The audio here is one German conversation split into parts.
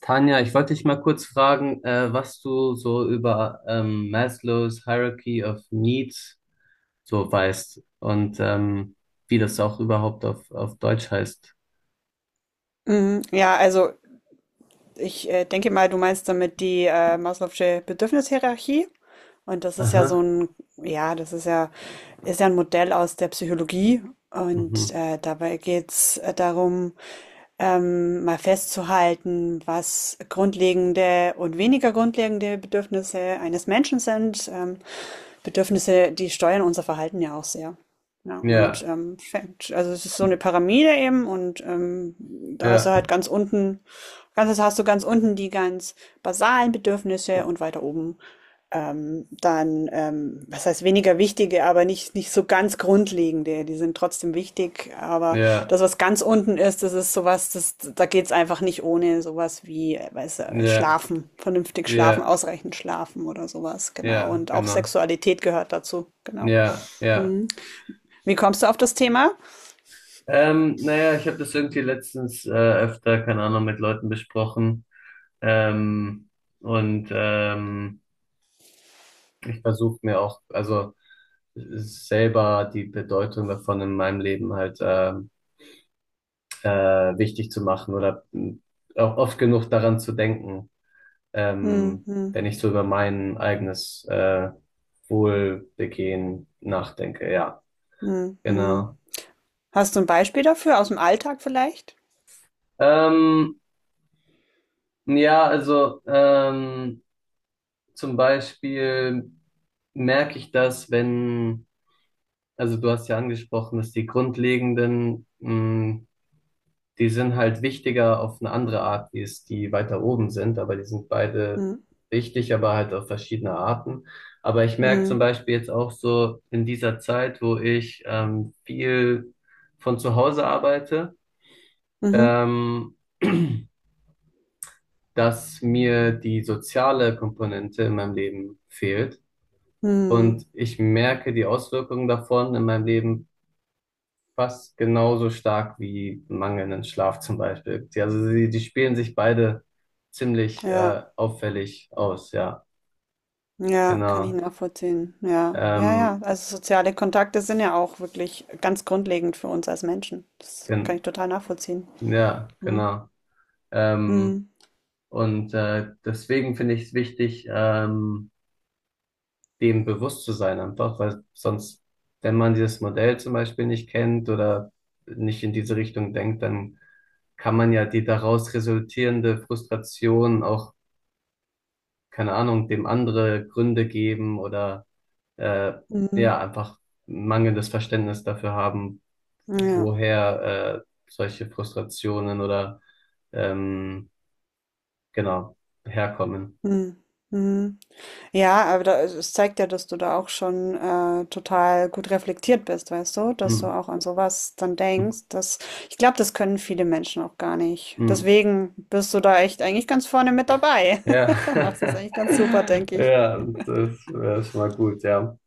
Tanja, ich wollte dich mal kurz fragen, was du so über Maslows Hierarchy of Needs so weißt und wie das auch überhaupt auf Deutsch heißt. Mhm. Ja, also ich denke mal, du meinst damit die Maslow'sche Bedürfnishierarchie. Und das ist ja so Aha. ein, ja, das ist ja ein Modell aus der Psychologie. Und Mhm. Dabei geht's darum, mal festzuhalten, was grundlegende und weniger grundlegende Bedürfnisse eines Menschen sind. Bedürfnisse, die steuern unser Verhalten ja auch sehr. Ja, und Ja, also es ist so eine Pyramide eben und da hast du ja, halt ganz unten, ganz, hast du ganz unten die ganz basalen Bedürfnisse und weiter oben dann, was heißt weniger wichtige, aber nicht, nicht so ganz grundlegende. Die sind trotzdem wichtig, aber ja, das, was ganz unten ist, das ist sowas, das, da geht's einfach nicht ohne sowas wie, ja, Schlafen, vernünftig schlafen, ja, ausreichend schlafen oder sowas, genau. ja, Und auch genau. Sexualität gehört dazu, genau. Ja, ja. Mhm. Wie kommst du auf das Thema? Naja, ich habe das irgendwie letztens öfter, keine Ahnung, mit Leuten besprochen. Ähm, und ich versuche mir auch, also selber die Bedeutung davon in meinem Leben halt wichtig zu machen oder auch oft genug daran zu denken, Mhm. ähm, Mhm. wenn ich so über mein eigenes Wohlbegehen nachdenke. Ja, Mhm. Mhm. genau. Hast du ein Beispiel dafür aus dem Alltag vielleicht? Ähm, ja, also zum Beispiel merke ich das, wenn, also du hast ja angesprochen, dass die grundlegenden die sind halt wichtiger auf eine andere Art, wie es die weiter oben sind, aber die sind beide Mhm. wichtig, aber halt auf verschiedene Arten. Aber ich merke zum Mhm. Beispiel jetzt auch so in dieser Zeit, wo ich viel von zu Hause arbeite, Mhm. ähm, dass mir die soziale Komponente in meinem Leben fehlt. Mhm. Und ich merke die Auswirkungen davon in meinem Leben fast genauso stark wie mangelnden Schlaf zum Beispiel. Die, also sie, die spielen sich beide ziemlich Ja. Auffällig aus, ja, Ja, kann ich genau. nachvollziehen. Ja, ja, ja. Ähm, Also soziale Kontakte sind ja auch wirklich ganz grundlegend für uns als Menschen. Das kann gen ich total nachvollziehen. ja, Hm. genau. Ähm, Hm. und deswegen finde ich es wichtig, dem bewusst zu sein einfach, weil sonst, wenn man dieses Modell zum Beispiel nicht kennt oder nicht in diese Richtung denkt, dann kann man ja die daraus resultierende Frustration auch, keine Ahnung, dem andere Gründe geben oder äh, ja, Hm. einfach mangelndes Verständnis dafür haben, Ja. woher solche Frustrationen oder ähm, genau herkommen. Hm. Hm. Ja, aber da, es zeigt ja, dass du da auch schon total gut reflektiert bist, weißt du, dass du Hm. auch an sowas dann denkst. Das, ich glaube, das können viele Menschen auch gar nicht. Hm. Hm. Deswegen bist du da echt eigentlich ganz vorne mit dabei. Ja, Machst das eigentlich ganz super, denke ich. ja, das wäre schon mal gut, ja.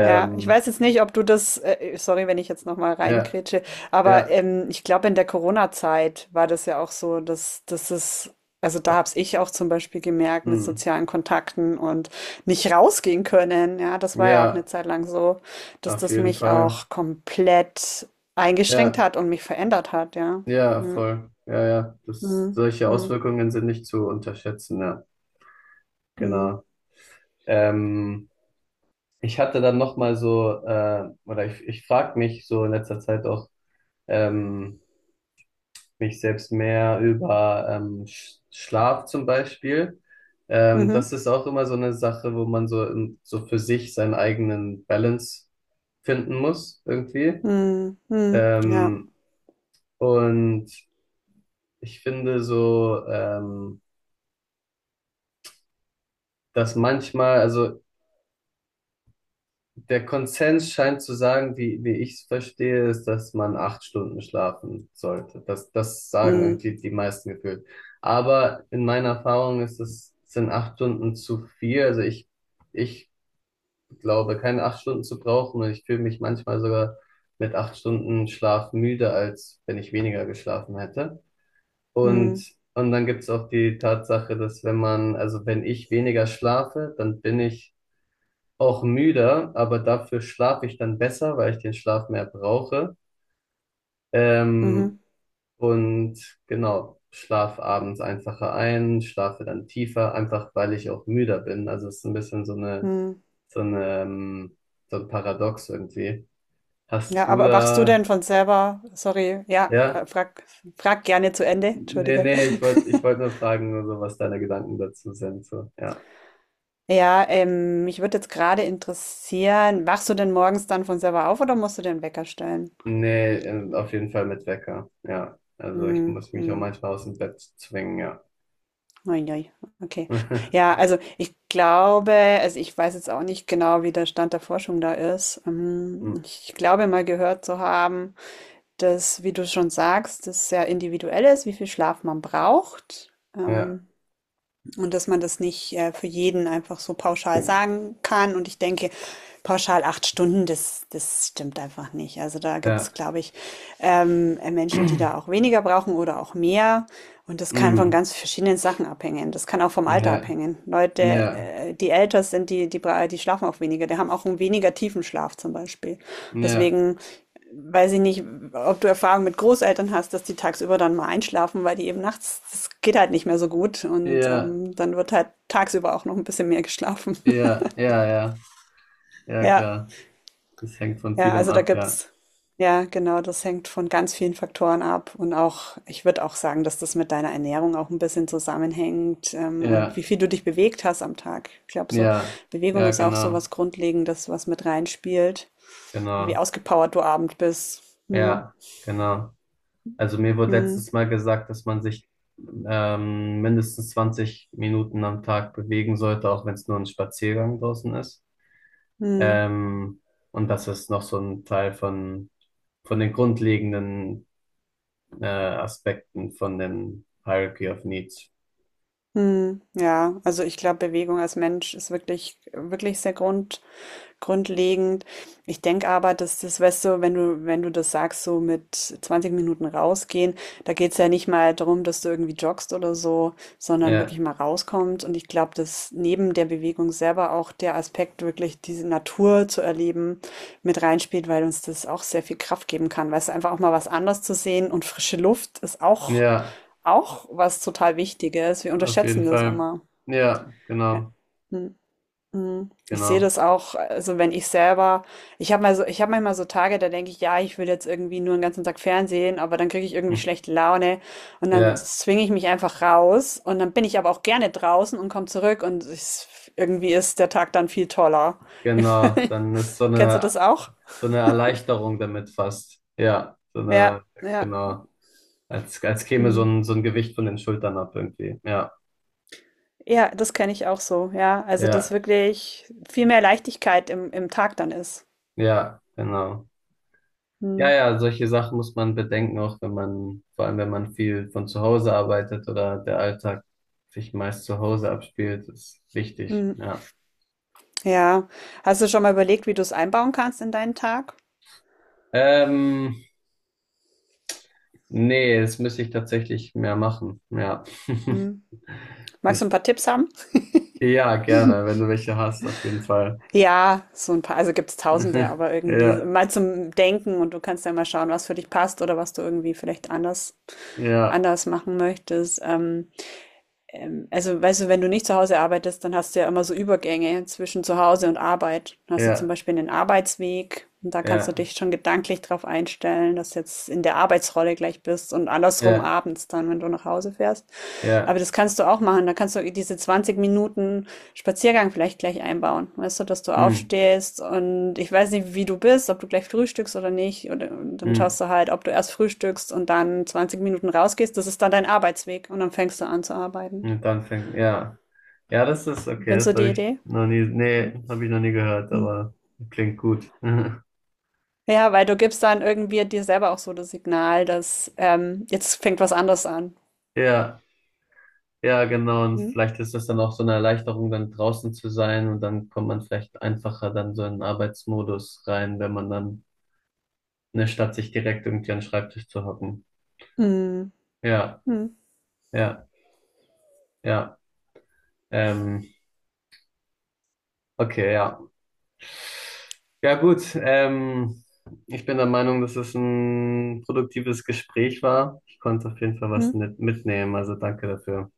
Ja, ich weiß jetzt nicht, ob du das, sorry, wenn ich jetzt nochmal ja, reingrätsche, aber ja, ich glaube, in der Corona-Zeit war das ja auch so, dass es, also äh, da hab's ich auch zum Beispiel gemerkt mit hm. sozialen Kontakten und nicht rausgehen können. Ja, das war ja auch Ja, eine Zeit lang so, dass auf das jeden mich Fall. auch komplett eingeschränkt Ja. hat und mich verändert hat, ja. Ja, Mhm. voll. Ja, ja. Das, Mhm. solche Auswirkungen sind nicht zu unterschätzen, ja. Mhm. Genau. Ähm, ich hatte dann nochmal so, oder ich frage mich so in letzter Zeit auch ähm, mich selbst mehr über Schlaf zum Beispiel. Mhm. Das ist auch immer so eine Sache, wo man so, so für sich seinen eigenen Balance finden muss, irgendwie. Mhm. Mhm. Ja. Ähm, und ich finde so, dass manchmal, also der Konsens scheint zu sagen, wie ich es verstehe, ist, dass man 8 Stunden schlafen sollte. Das sagen Mhm. irgendwie die meisten gefühlt. Aber in meiner Erfahrung ist es, sind 8 Stunden zu viel. Also ich glaube, keine 8 Stunden zu brauchen, und ich fühle mich manchmal sogar mit 8 Stunden Schlaf müde, als wenn ich weniger geschlafen hätte. Und, Mhm. und dann gibt's auch die Tatsache, dass wenn man, also wenn ich weniger schlafe, dann bin ich auch müder, aber dafür schlafe ich dann besser, weil ich den Schlaf mehr brauche. Ähm, Mhm. und genau, schlaf abends einfacher ein, schlafe dann tiefer, einfach weil ich auch müder bin. Also es ist ein bisschen so eine, Mhm. so eine, so ein Paradox irgendwie. Hast Ja, du aber wachst du da, denn von selber sorry, ja, ja? frag gerne zu Ende, Nee, entschuldige. nee, ich wollte nur fragen, nur so, was deine Gedanken dazu sind, so, ja. Ja, mich würde jetzt gerade interessieren, wachst du denn morgens dann von selber auf oder musst du den Wecker stellen? Nee, auf jeden Fall mit Wecker, ja. Also ich Mhm, muss mich auch mhm. manchmal aus dem Bett zwingen, Ui, okay. ja. Ja, also, ich glaube also, ich weiß jetzt auch nicht genau, wie der Stand der Forschung da ist. Ich glaube mal gehört zu haben, dass, wie du schon sagst, das sehr individuell ist, wie viel Schlaf man braucht. Ja, Und dass man das nicht für jeden einfach so pauschal sagen kann. Und ich denke, pauschal 8 Stunden, das stimmt einfach nicht. Also da ja. gibt's, glaube ich, Menschen, die da auch weniger brauchen oder auch mehr. Und das kann von Mm, ganz verschiedenen Sachen abhängen. Das kann auch vom Alter ja, abhängen. Leute, ja, die älter sind, die schlafen auch weniger. Die haben auch einen weniger tiefen Schlaf zum Beispiel. ja, Deswegen weiß ich nicht, ob du Erfahrung mit Großeltern hast, dass die tagsüber dann mal einschlafen, weil die eben nachts, das geht halt nicht mehr so gut. Und ja, dann wird halt tagsüber auch noch ein bisschen mehr geschlafen. ja, ja, ja, ja, Ja, klar. Das hängt von ja, vielem also da ab, ja. gibt's, ja, genau, das hängt von ganz vielen Faktoren ab. Und auch, ich würde auch sagen, dass das mit deiner Ernährung auch ein bisschen zusammenhängt, und Ja, wie viel du dich bewegt hast am Tag. Ich glaube, so ja, Bewegung ja, ist auch so genau, was Grundlegendes, was mit reinspielt, wie genau, ausgepowert du abend bist. Hm, ja, genau. Also mir wurde hm, letztes Mal gesagt, dass man sich mindestens 20 Minuten am Tag bewegen sollte, auch wenn es nur ein Spaziergang draußen ist. hm. Ähm, und das ist noch so ein Teil von den grundlegenden Aspekten von dem Hierarchy of Needs. Hm, ja, also ich glaube, Bewegung als Mensch ist wirklich, wirklich sehr grundlegend. Ich denke aber, dass das, weißt du, wenn du das sagst, so mit 20 Minuten rausgehen, da geht es ja nicht mal darum, dass du irgendwie joggst oder so, sondern Ja, wirklich mal rauskommst. Und ich glaube, dass neben der Bewegung selber auch der Aspekt, wirklich diese Natur zu erleben, mit reinspielt, weil uns das auch sehr viel Kraft geben kann. Weißt du, einfach auch mal was anderes zu sehen und frische Luft ist auch, ja, auch was total Wichtiges. Wir auf jeden unterschätzen das Fall. immer. Ja, Ja. genau, Hm. Mhm. Ich sehe genau. das auch, also wenn ich selber, ich habe mal so, ich habe manchmal so Tage, da denke ich, ja, ich will jetzt irgendwie nur den ganzen Tag Fernsehen, aber dann kriege ich irgendwie Hm. schlechte Laune und dann Ja, zwinge ich mich einfach raus und dann bin ich aber auch gerne draußen und komme zurück und ich, irgendwie ist der Tag dann viel toller. genau. Dann ist Kennst du das auch? so eine Erleichterung damit fast. Ja, so Ja, eine, ja. genau. Als, als käme Mhm. So ein Gewicht von den Schultern ab irgendwie. Ja, Ja, das kenne ich auch so, ja. Also, dass ja, wirklich viel mehr Leichtigkeit im Tag dann ist. ja, genau. Ja, ja, solche Sachen muss man bedenken, auch wenn man, vor allem wenn man viel von zu Hause arbeitet oder der Alltag sich meist zu Hause abspielt, ist wichtig. Mhm. Ja. Ja. Hast du schon mal überlegt, wie du es einbauen kannst in deinen Tag? Ähm, nee, das müsste ich tatsächlich mehr machen. Ja. Hm. Magst Das, du ein paar Tipps haben? ja, gerne, wenn du welche hast, auf jeden Fall. Ja, so ein paar, also gibt es tausende, aber irgendwie so, Ja, mal zum Denken und du kannst ja mal schauen, was für dich passt oder was du irgendwie vielleicht anders, ja, anders machen möchtest. Also, weißt du, wenn du nicht zu Hause arbeitest, dann hast du ja immer so Übergänge zwischen zu Hause und Arbeit. Dann hast du zum ja, Beispiel einen Arbeitsweg und da kannst du ja, dich schon gedanklich drauf einstellen, dass du jetzt in der Arbeitsrolle gleich bist und andersrum ja, abends dann, wenn du nach Hause fährst. Aber ja. das kannst du auch machen. Da kannst du diese 20 Minuten Spaziergang vielleicht gleich einbauen. Weißt du, dass du Mm, aufstehst und ich weiß nicht, wie du bist, ob du gleich frühstückst oder nicht. Oder, und dann mm. schaust du halt, ob du erst frühstückst und dann 20 Minuten rausgehst. Das ist dann dein Arbeitsweg und dann fängst du an zu arbeiten. Und dann fängt, ja. Ja, das ist okay, Findest das du die habe ich Idee? noch nie, nee, habe ich noch nie gehört, Mhm. aber klingt gut. Ja, weil du gibst dann irgendwie dir selber auch so das Signal, dass jetzt fängt was anderes an. Ja, ja, genau. Und Mhm. vielleicht ist das dann auch so eine Erleichterung, dann draußen zu sein und dann kommt man vielleicht einfacher dann so in den Arbeitsmodus rein, wenn man dann, ne, statt sich direkt irgendwie an den Schreibtisch zu hocken. Mhm. Ja, ja, ja. Ähm, okay, ja. Ja, gut. Ich bin der Meinung, dass es ein produktives Gespräch war. Ich konnte auf jeden Fall was Mhm. mit mitnehmen, also danke dafür.